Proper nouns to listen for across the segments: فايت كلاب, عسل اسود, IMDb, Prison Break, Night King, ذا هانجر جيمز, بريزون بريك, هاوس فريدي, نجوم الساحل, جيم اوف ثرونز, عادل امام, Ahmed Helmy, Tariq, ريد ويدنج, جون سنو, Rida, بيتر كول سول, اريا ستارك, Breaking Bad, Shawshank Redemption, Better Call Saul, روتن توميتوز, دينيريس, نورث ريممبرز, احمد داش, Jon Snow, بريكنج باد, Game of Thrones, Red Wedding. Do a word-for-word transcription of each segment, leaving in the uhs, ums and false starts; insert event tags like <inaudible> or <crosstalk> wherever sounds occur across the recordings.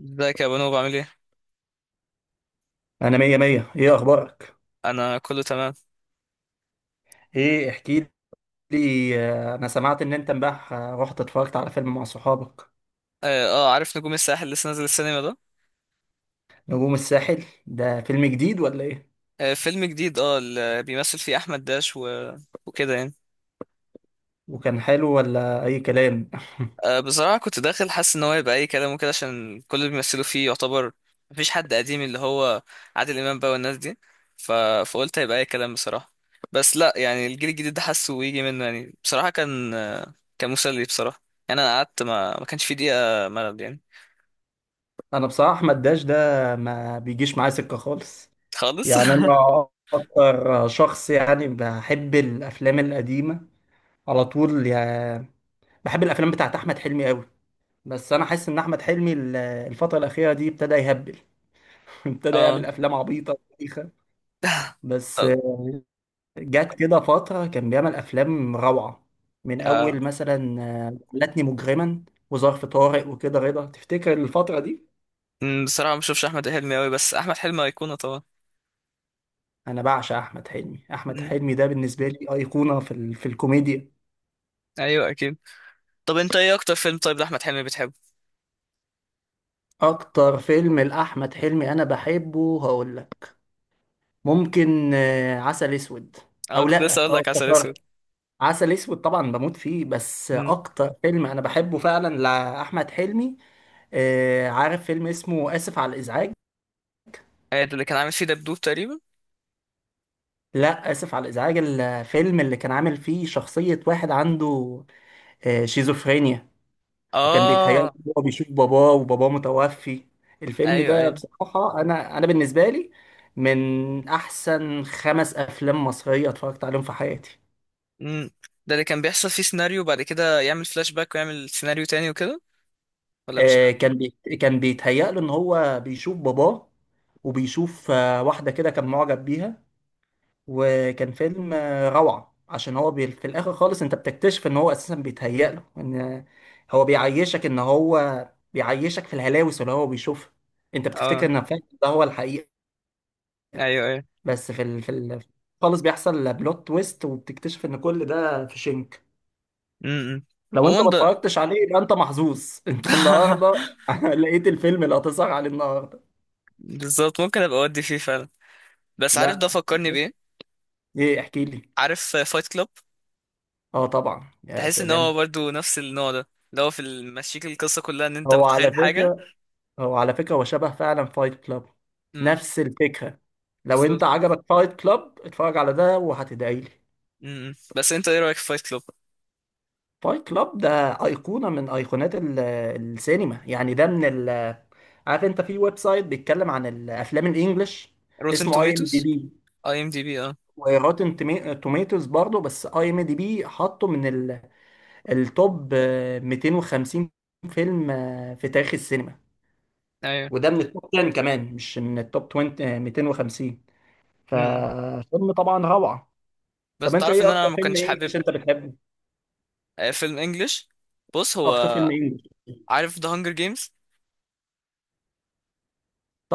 ازيك يا بنوب، عامل ايه؟ انا مية مية، ايه اخبارك؟ انا كله تمام. ايه، احكي لي. آه، انا سمعت ان انت امبارح آه، رحت اتفرجت على فيلم مع صحابك. اه، آه، عارف نجوم الساحل لسه نازل السينما ده. نجوم الساحل ده فيلم جديد ولا ايه؟ آه، فيلم جديد، اه اللي بيمثل فيه احمد داش و... وكده يعني. وكان حلو ولا اي كلام؟ آه، بصراحة كنت داخل حاسس ان هو يبقى اي كلام وكده، عشان كل اللي بيمثلوا فيه يعتبر مفيش حد قديم، اللي هو عادل امام بقى والناس دي. ف... فقلت هيبقى اي كلام بصراحة. بس لا، يعني الجيل الجديد ده حاسه ويجي منه يعني، بصراحة كان آه، كان مسلي بصراحة. يعني انا قعدت ما ما كانش في دقيقة ملل يعني. انا بصراحة احمد داش ده ما بيجيش معايا سكة خالص. خالص. يعني <laughs> انا اكتر شخص، يعني، بحب الافلام القديمة على طول يعني. بحب الافلام بتاعت احمد حلمي قوي. بس انا حاسس ان احمد حلمي ال- الفترة الاخيرة دي ابتدى يهبل. <laughs> ابتدى يعمل اه. افلام عبيطة بايخة <laughs> بس. طب. جت كده فترة كان بيعمل أفلام روعة، من آه. أول مثلا آه، لاتني مجرما وظرف طارق وكده رضا، تفتكر الفترة دي؟ مم، بصراحة ما بشوفش أحمد حلمي أوي، بس أحمد حلمي أيقونة طبعا. أنا بعشق أحمد حلمي. أحمد مم، حلمي ده بالنسبة لي أيقونة في, ال... في الكوميديا. أيوه أكيد. طب أنت إيه أكتر فيلم طيب لأحمد حلمي بتحبه؟ أكتر فيلم لأحمد حلمي أنا بحبه هقول لك. ممكن آه، عسل أسود. أنا أو كنت لسه لأ، أقول أه لك عسل أسود. افتكرت، عسل أسود طبعا بموت فيه. بس مم. أكتر فيلم أنا بحبه فعلا لأحمد حلمي، آه، عارف فيلم اسمه آسف على الإزعاج؟ أيوة، ده اللي كان عامل فيه دبدوب تقريبا. لا، اسف على الازعاج الفيلم اللي كان عامل فيه شخصية واحد عنده آه، شيزوفرينيا، وكان بيتهيأ له، آه، هو بيشوف باباه وباباه متوفي. الفيلم أيوه ده أيوه. بصراحة انا انا بالنسبة لي من احسن خمس افلام مصرية اتفرجت عليهم في حياتي. مم. ده اللي كان بيحصل فيه سيناريو وبعد كده يعمل فلاش باك ويعمل سيناريو تاني وكده، ولا مش ده؟ آه، كان بي... كان بيتهيأ له ان هو بيشوف باباه، وبيشوف آه، واحدة كده كان معجب بيها. وكان فيلم آه، روعة، عشان هو بي... في الآخر خالص أنت بتكتشف إن هو أساسا بيتهيأ له إن آه، هو بيعيشك إن هو بيعيشك في الهلاوس اللي هو بيشوفها. أنت بتفتكر آه، إن فعلا ده هو الحقيقة. أيوه أيوه. بس في ال... في ال... خالص بيحصل بلوت تويست وبتكتشف إن كل ده في شنك. مم. لو أنت عموما ما ده. اتفرجتش عليه يبقى أنت محظوظ أنت النهاردة. <laughs> <laughs> لقيت الفيلم اللي هتسهر عليه النهاردة. بالظبط، ممكن أبقى أودي فيه فعلا. بس عارف ده لا، فكرني بإيه؟ إيه، احكي لي. عارف فايت كلاب؟ آه طبعا، يا تحس ان هو سلام. برضو نفس النوع ده، اللي هو في المشيك القصه كلها ان انت هو على متخيل حاجه. فكرة هو على فكرة هو شبه فعلا فايت كلاب، امم. نفس الفكرة. لو انت بالظبط. عجبك فايت كلاب اتفرج على ده وهتدعي لي. امم، إمم. بس انت ايه رايك في فايت كلوب؟ فايت كلاب ده أيقونة من أيقونات ال- السينما، يعني ده من ال. عارف انت في ويب سايت بيتكلم عن الأفلام الإنجليش؟ روتن اسمه اي ام توميتوز. دي بي اي ام دي بي، اه. وروتن توميتوز برضه. بس اي ام دي بي حطه من ال- التوب آه، مئتين وخمسين فيلم آه، في تاريخ السينما. ايوه. وده من التوب عشرة كمان، مش من التوب عشرين، آه، مئتين وخمسين. امم، إمم. ففيلم طبعا روعة. بس طب انت تعرف ايه ان اكتر انا ما فيلم كنتش حابب. انجلش انت بتحبه؟ آه، فيلم انجلش. بص، اكتر فيلم هو انجلش، عارف ذا هانجر جيمز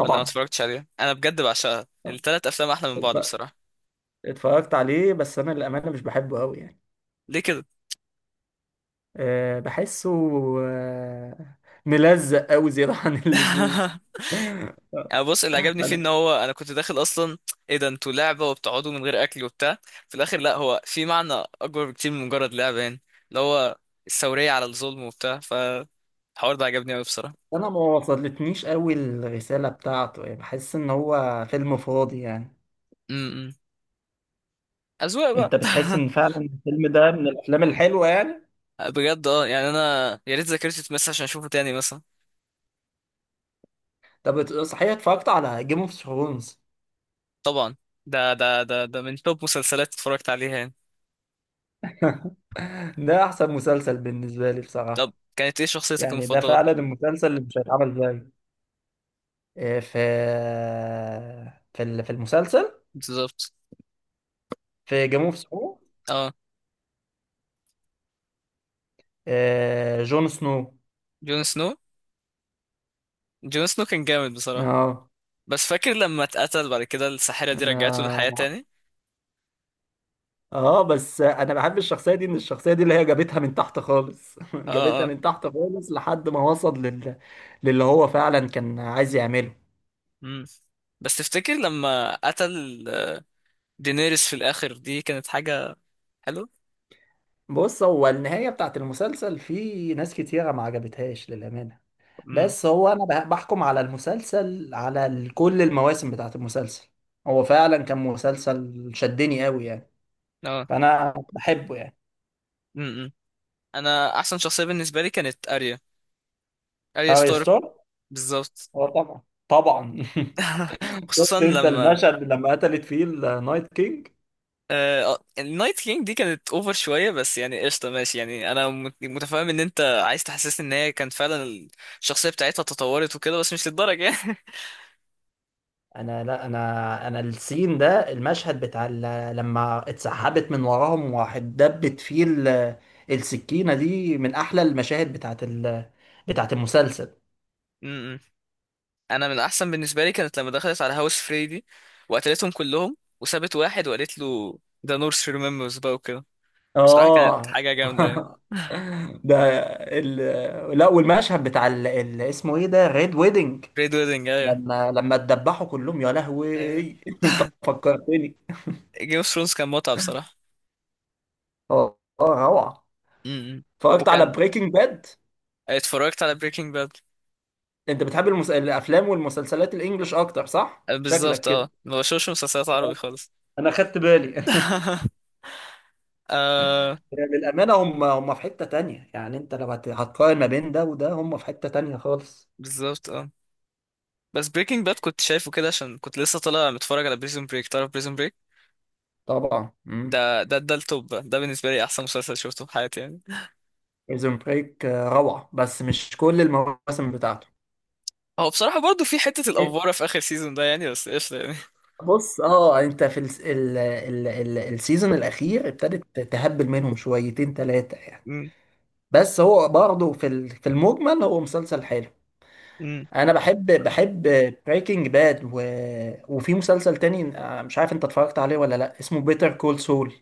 ولا ما اتفرجتش عليه؟ انا بجد بعشقها، التلات افلام احلى من بعض اتف- بصراحه. اتفرجت عليه بس انا للامانه مش بحبه قوي يعني. ليه كده؟ أه، بحسه. أه، ملزق قوي، زياده عن اللزوم. <laughs> أنا بص، اللي عجبني فيه ان انا هو انا كنت داخل اصلا، ايه ده انتوا لعبه وبتقعدوا من غير اكل وبتاع. في الاخر لا، هو في معنى اكبر بكتير من مجرد لعبه يعني، اللي هو الثوريه على الظلم وبتاع، فالحوار ده عجبني قوي بصراحه. انا ما وصلتنيش قوي الرساله بتاعته، يعني بحس ان هو فيلم فاضي يعني. امم. اذواق بقى. انت بتحس ان فعلا الفيلم ده من الافلام الحلوه يعني؟ <laughs> بجد اه، يعني انا يا ريت ذاكرتي تمس عشان اشوفه تاني مثلا. طب صحيح، اتفرجت على جيم اوف ثرونز؟ طبعا، ده ده ده ده من توب مسلسلات اتفرجت عليها يعني. ده احسن مسلسل بالنسبه لي طب بصراحه. كانت ايه شخصيتك يعني ده المفضله؟ فعلا المسلسل اللي مش هيتعمل زيه. آه، في في ال- في المسلسل، بالظبط، في جيم اوف ثرونز، اه. جون سنو. جون سنو. جون سنو كان جامد بصراحه. اه، بس فاكر لما اتقتل بعد كده الساحرة دي رجعته انا، للحياة تاني. اه، بس انا بحب الشخصيه دي، ان الشخصيه دي اللي هي جابتها من تحت خالص. <laughs> اه جابتها اه. من تحت خالص لحد ما وصل لل... للي هو فعلا كان عايز يعمله. مم. بس تفتكر لما قتل دينيريس في الاخر، دي كانت حاجة حلوة. بص، هو النهايه بتاعت المسلسل في ناس كتيره ما عجبتهاش للامانه. امم. بس هو انا بح- بحكم على المسلسل على ال- كل المواسم بتاعت المسلسل. هو فعلا كان مسلسل شدني قوي يعني. اه. فانا بحبه يعني. امم. انا احسن شخصية بالنسبة لي كانت اريا اريا اه ستارك. يستر. بالظبط. هو طبعا طبعا. <laughs> <laughs> خصوصا شفت انت لما المشهد لما قتلت فيه النايت كينج؟ آه آه، النايت كينج دي كانت اوفر شوية، بس يعني قشطة ماشي، يعني انا مت- متفاهم ان انت عايز تحسسني ان هي كانت فعلا الشخصية بتاعتها تطورت وكده، بس مش للدرجة يعني. انا، لا، انا انا السين ده، المشهد بتاع ال- لما اتسحبت من وراهم واحد دبت فيه ال- السكينة دي، من احلى المشاهد بتاعت ال- بتاعت المسلسل. <laughs> انا من الاحسن بالنسبه لي كانت لما دخلت على هاوس فريدي وقتلتهم كلهم وسابت واحد وقالت له ده نورث ريممبرز بقى وكده. بصراحه كانت اه حاجه جامده يعني. <laughs> ده ال... لا، والمشهد بتاع ال... ال... اسمه ايه ده؟ ريد ويدنج، ريد ويدنج، ايوه. لما لما اتدبحوا كلهم، يا ايوه. لهوي. فكرتني. جيم اوف ثرونز كان متعه بصراحه. اه اه روعه. امم. اتفرجت على وكان بريكنج باد. اتفرجت على بريكنج باد. انت بتحب المس... الافلام والمسلسلات الانجليش اكتر، صح؟ شكلك بالظبط كده. اه، ما بشوفش مسلسلات عربي <laughs> خالص. انا خدت بالي. <laughs> آه. <laughs> للامانه هم هم في حته تانية، يعني انت لو هت- هتقارن ما بين ده وده هم في حته تانية خالص. بالظبط اه. بس بريكنج باد كنت شايفه كده عشان كنت لسه طالع متفرج على بريزون بريك، تعرف بريزون بريك؟ طبعا. مم. ده ده ده التوب بقى. ده بالنسبه لي احسن مسلسل شفته في حياتي يعني. بريزون بريك روعة بس مش كل المواسم بتاعته. هو بصراحة برضو في حتة الأفوارة في آخر سيزون ده يعني، بس قشطة يعني. بص، اه، انت في الس- ال ال ال السيزون الاخير ابتدت تهبل منهم شويتين ثلاثة يعني. امم. بس هو برضه في ال- في المجمل هو مسلسل حلو. امم. انا بحب بحب بريكنج باد و... وفي مسلسل تاني، آه، مش عارف انت اتفرجت عليه ولا لا، اسمه بيتر كول سول.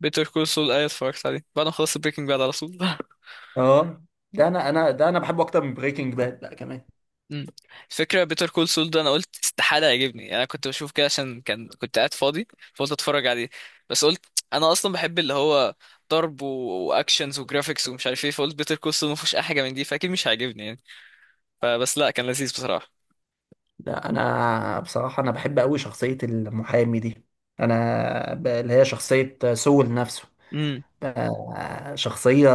بيتر كول سول، أيوة اتفرجت عليه بعد ما خلصت بريكنج باد على طول. <laughs> اه، ده انا انا ده انا بحبه اكتر من بريكنج باد بقى كمان. امم. فكرة بيتر كول سول ده، أنا قلت استحالة يعجبني، يعني أنا كنت بشوف كده عشان كان كنت قاعد فاضي، فقلت أتفرج عليه. بس قلت أنا أصلا بحب اللي هو ضرب و- وأكشنز وجرافيكس ومش عارف إيه، فقلت بيتر كول سول مفيهوش أي حاجة من دي، فأكيد مش هيعجبني يعني. فبس لأ، كان لذيذ بصراحة. لا، انا بصراحه انا بحب قوي شخصيه المحامي دي، انا ب- اللي هي شخصيه سول نفسه، امم. ب- شخصيه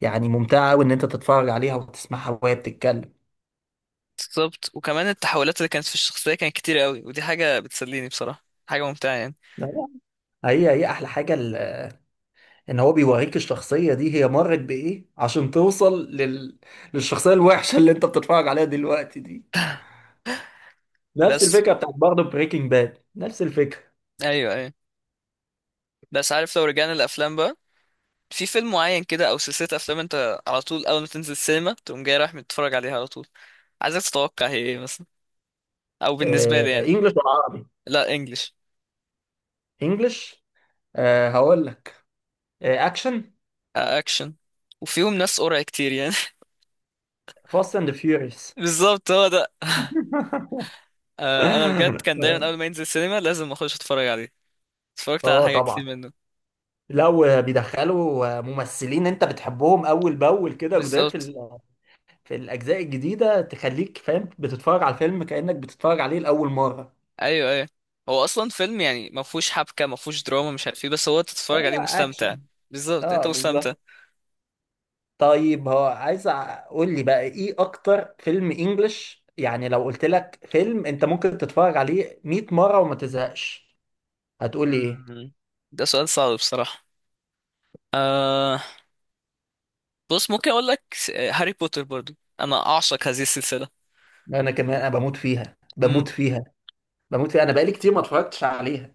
يعني ممتعه قوي ان انت تتفرج عليها وتسمعها وهي بتتكلم. بالظبط، وكمان التحولات اللي كانت في الشخصية كانت كتير قوي، ودي حاجة بتسليني بصراحة، حاجة ممتعة يعني. لا، لا، هي هي احلى حاجه ال- ان هو بيوريك الشخصيه دي هي مرت بايه عشان توصل لل... للشخصيه الوحشه اللي انت بتتفرج عليها دلوقتي دي. نفس بس الفكره بتاعت برضه بريكنج باد، نفس الفكره. ايوه ايوه. بس عارف لو رجعنا الافلام بقى، في فيلم معين كده او سلسله افلام انت على طول اول ما تنزل السينما تقوم جاي رايح متتفرج عليها على طول، عايزك تتوقع هي ايه مثلا، او بالنسبه لي آه، يعني. انجلش ولا عربي؟ لا، انجلش. انجلش. آه، هقول لك. آه، اكشن، اكشن، وفيهم ناس قرع كتير يعني. فاست اند فيوريوس. <laughs> بالظبط، هو ده. <laughs> آه، انا بجد كان دايما اول ما ينزل السينما لازم اخش اتفرج عليه، اتفرجت على اه حاجه كتير طبعا، منه. لو بيدخلوا ممثلين انت بتحبهم اول باول كده جداد في بالظبط، ال- في الاجزاء الجديده، تخليك فاهم بتتفرج على الفيلم كانك بتتفرج عليه لاول مره. ايوه ايوه. هو اصلا فيلم يعني ما فيهوش حبكه ما فيهوش دراما مش عارف ايه، بس هو تتفرج هو عليه مستمتع. اكشن. بالظبط، اه انت بالظبط. مستمتع. طيب هو عايز اقول لي بقى ايه اكتر فيلم انجلش، يعني لو قلت لك فيلم انت ممكن تتفرج عليه مية مره وما تزهقش، هتقول لي ايه؟ مم. ده سؤال صعب بصراحه. آه بص، ممكن اقول لك، س- هاري بوتر. برضو انا اعشق هذه السلسله. انا كمان انا بموت فيها، امم. بموت فيها، بموت فيها. انا بقالي كتير ما اتفرجتش عليها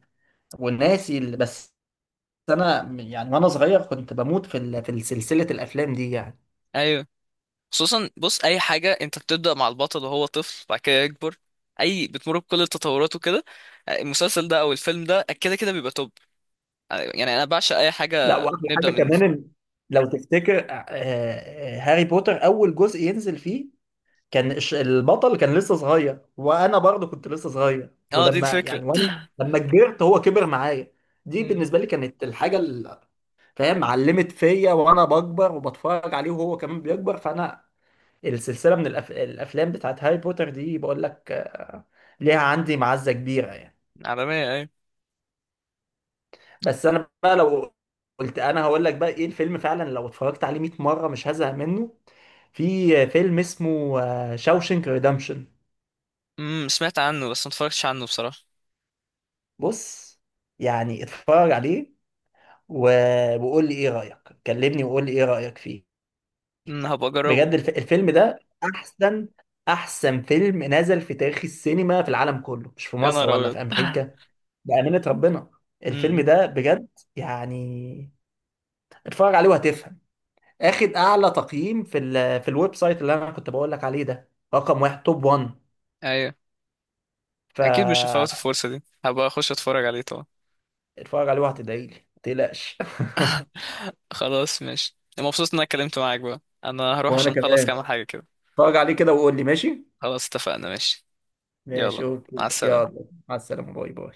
والناسي اللي بس. انا م- يعني وانا صغير كنت بموت في ال- في سلسله الافلام دي يعني. ايوه. خصوصا بص، اي حاجه انت بتبدا مع البطل وهو طفل بعد كده يكبر، اي بتمر بكل التطورات وكده، آه، المسلسل ده او الفيلم ده كده كده بيبقى توب. آه، يعني انا بعشق اي لا، حاجه واحلى نبدا حاجه من. كمان إن، لو تفتكر، آه، آه، هاري بوتر اول جزء ينزل فيه كان الش- البطل كان لسه صغير، وانا برضه كنت لسه صغير، اه، دي ولما الفكره. يعني وانا <laughs> لما كبرت هو كبر معايا. دي امم. بالنسبه لي كانت الحاجه اللي، فاهم، علمت فيا وانا بكبر وبتفرج عليه وهو كمان بيكبر. فانا السلسلة من الأف... الأفلام بتاعت هاري بوتر دي، بقول لك، آه، ليها عندي معزة كبيرة يعني. عالميه، ايوه. بس أنا بقى لو قلت، أنا هقول لك بقى إيه الفيلم فعلا لو اتفرجت عليه مئة مرة مش هزهق منه. في فيلم اسمه شاوشنك ريدمشن. امم، سمعت عنه بس ما اتفرجتش عنه بصراحه. بص، يعني اتفرج عليه و... وقول لي إيه رأيك، كلمني وقول لي إيه رأيك فيه. امم، هبقى اجربه. بجد الف... الفيلم ده أحسن أحسن فيلم نزل في تاريخ السينما في العالم كله، مش في يا مصر نهار ولا ابيض. في أمريكا. <laughs> بأمانة ربنا الفيلم امم. ده، بجد يعني، اتفرج عليه وهتفهم. اخد اعلى تقييم في ال في الويب سايت اللي انا كنت بقول لك عليه، ده رقم واحد، توب واحد. ايوه اكيد مش هفوت فاتفرج الفرصه دي، هبقى اخش اتفرج عليه طبعا. عليه وهتدعي لي، ما تقلقش. <laughs> <laughs> خلاص ماشي، مبسوط ان انا اتكلمت معاك بقى. انا هروح وانا عشان اخلص كمان. كام حاجة كده. اتفرج عليه كده وقول لي ماشي. خلاص اتفقنا، ماشي. ماشي يلا، مع اوكي، السلامة. يلا، مع السلامة، باي باي.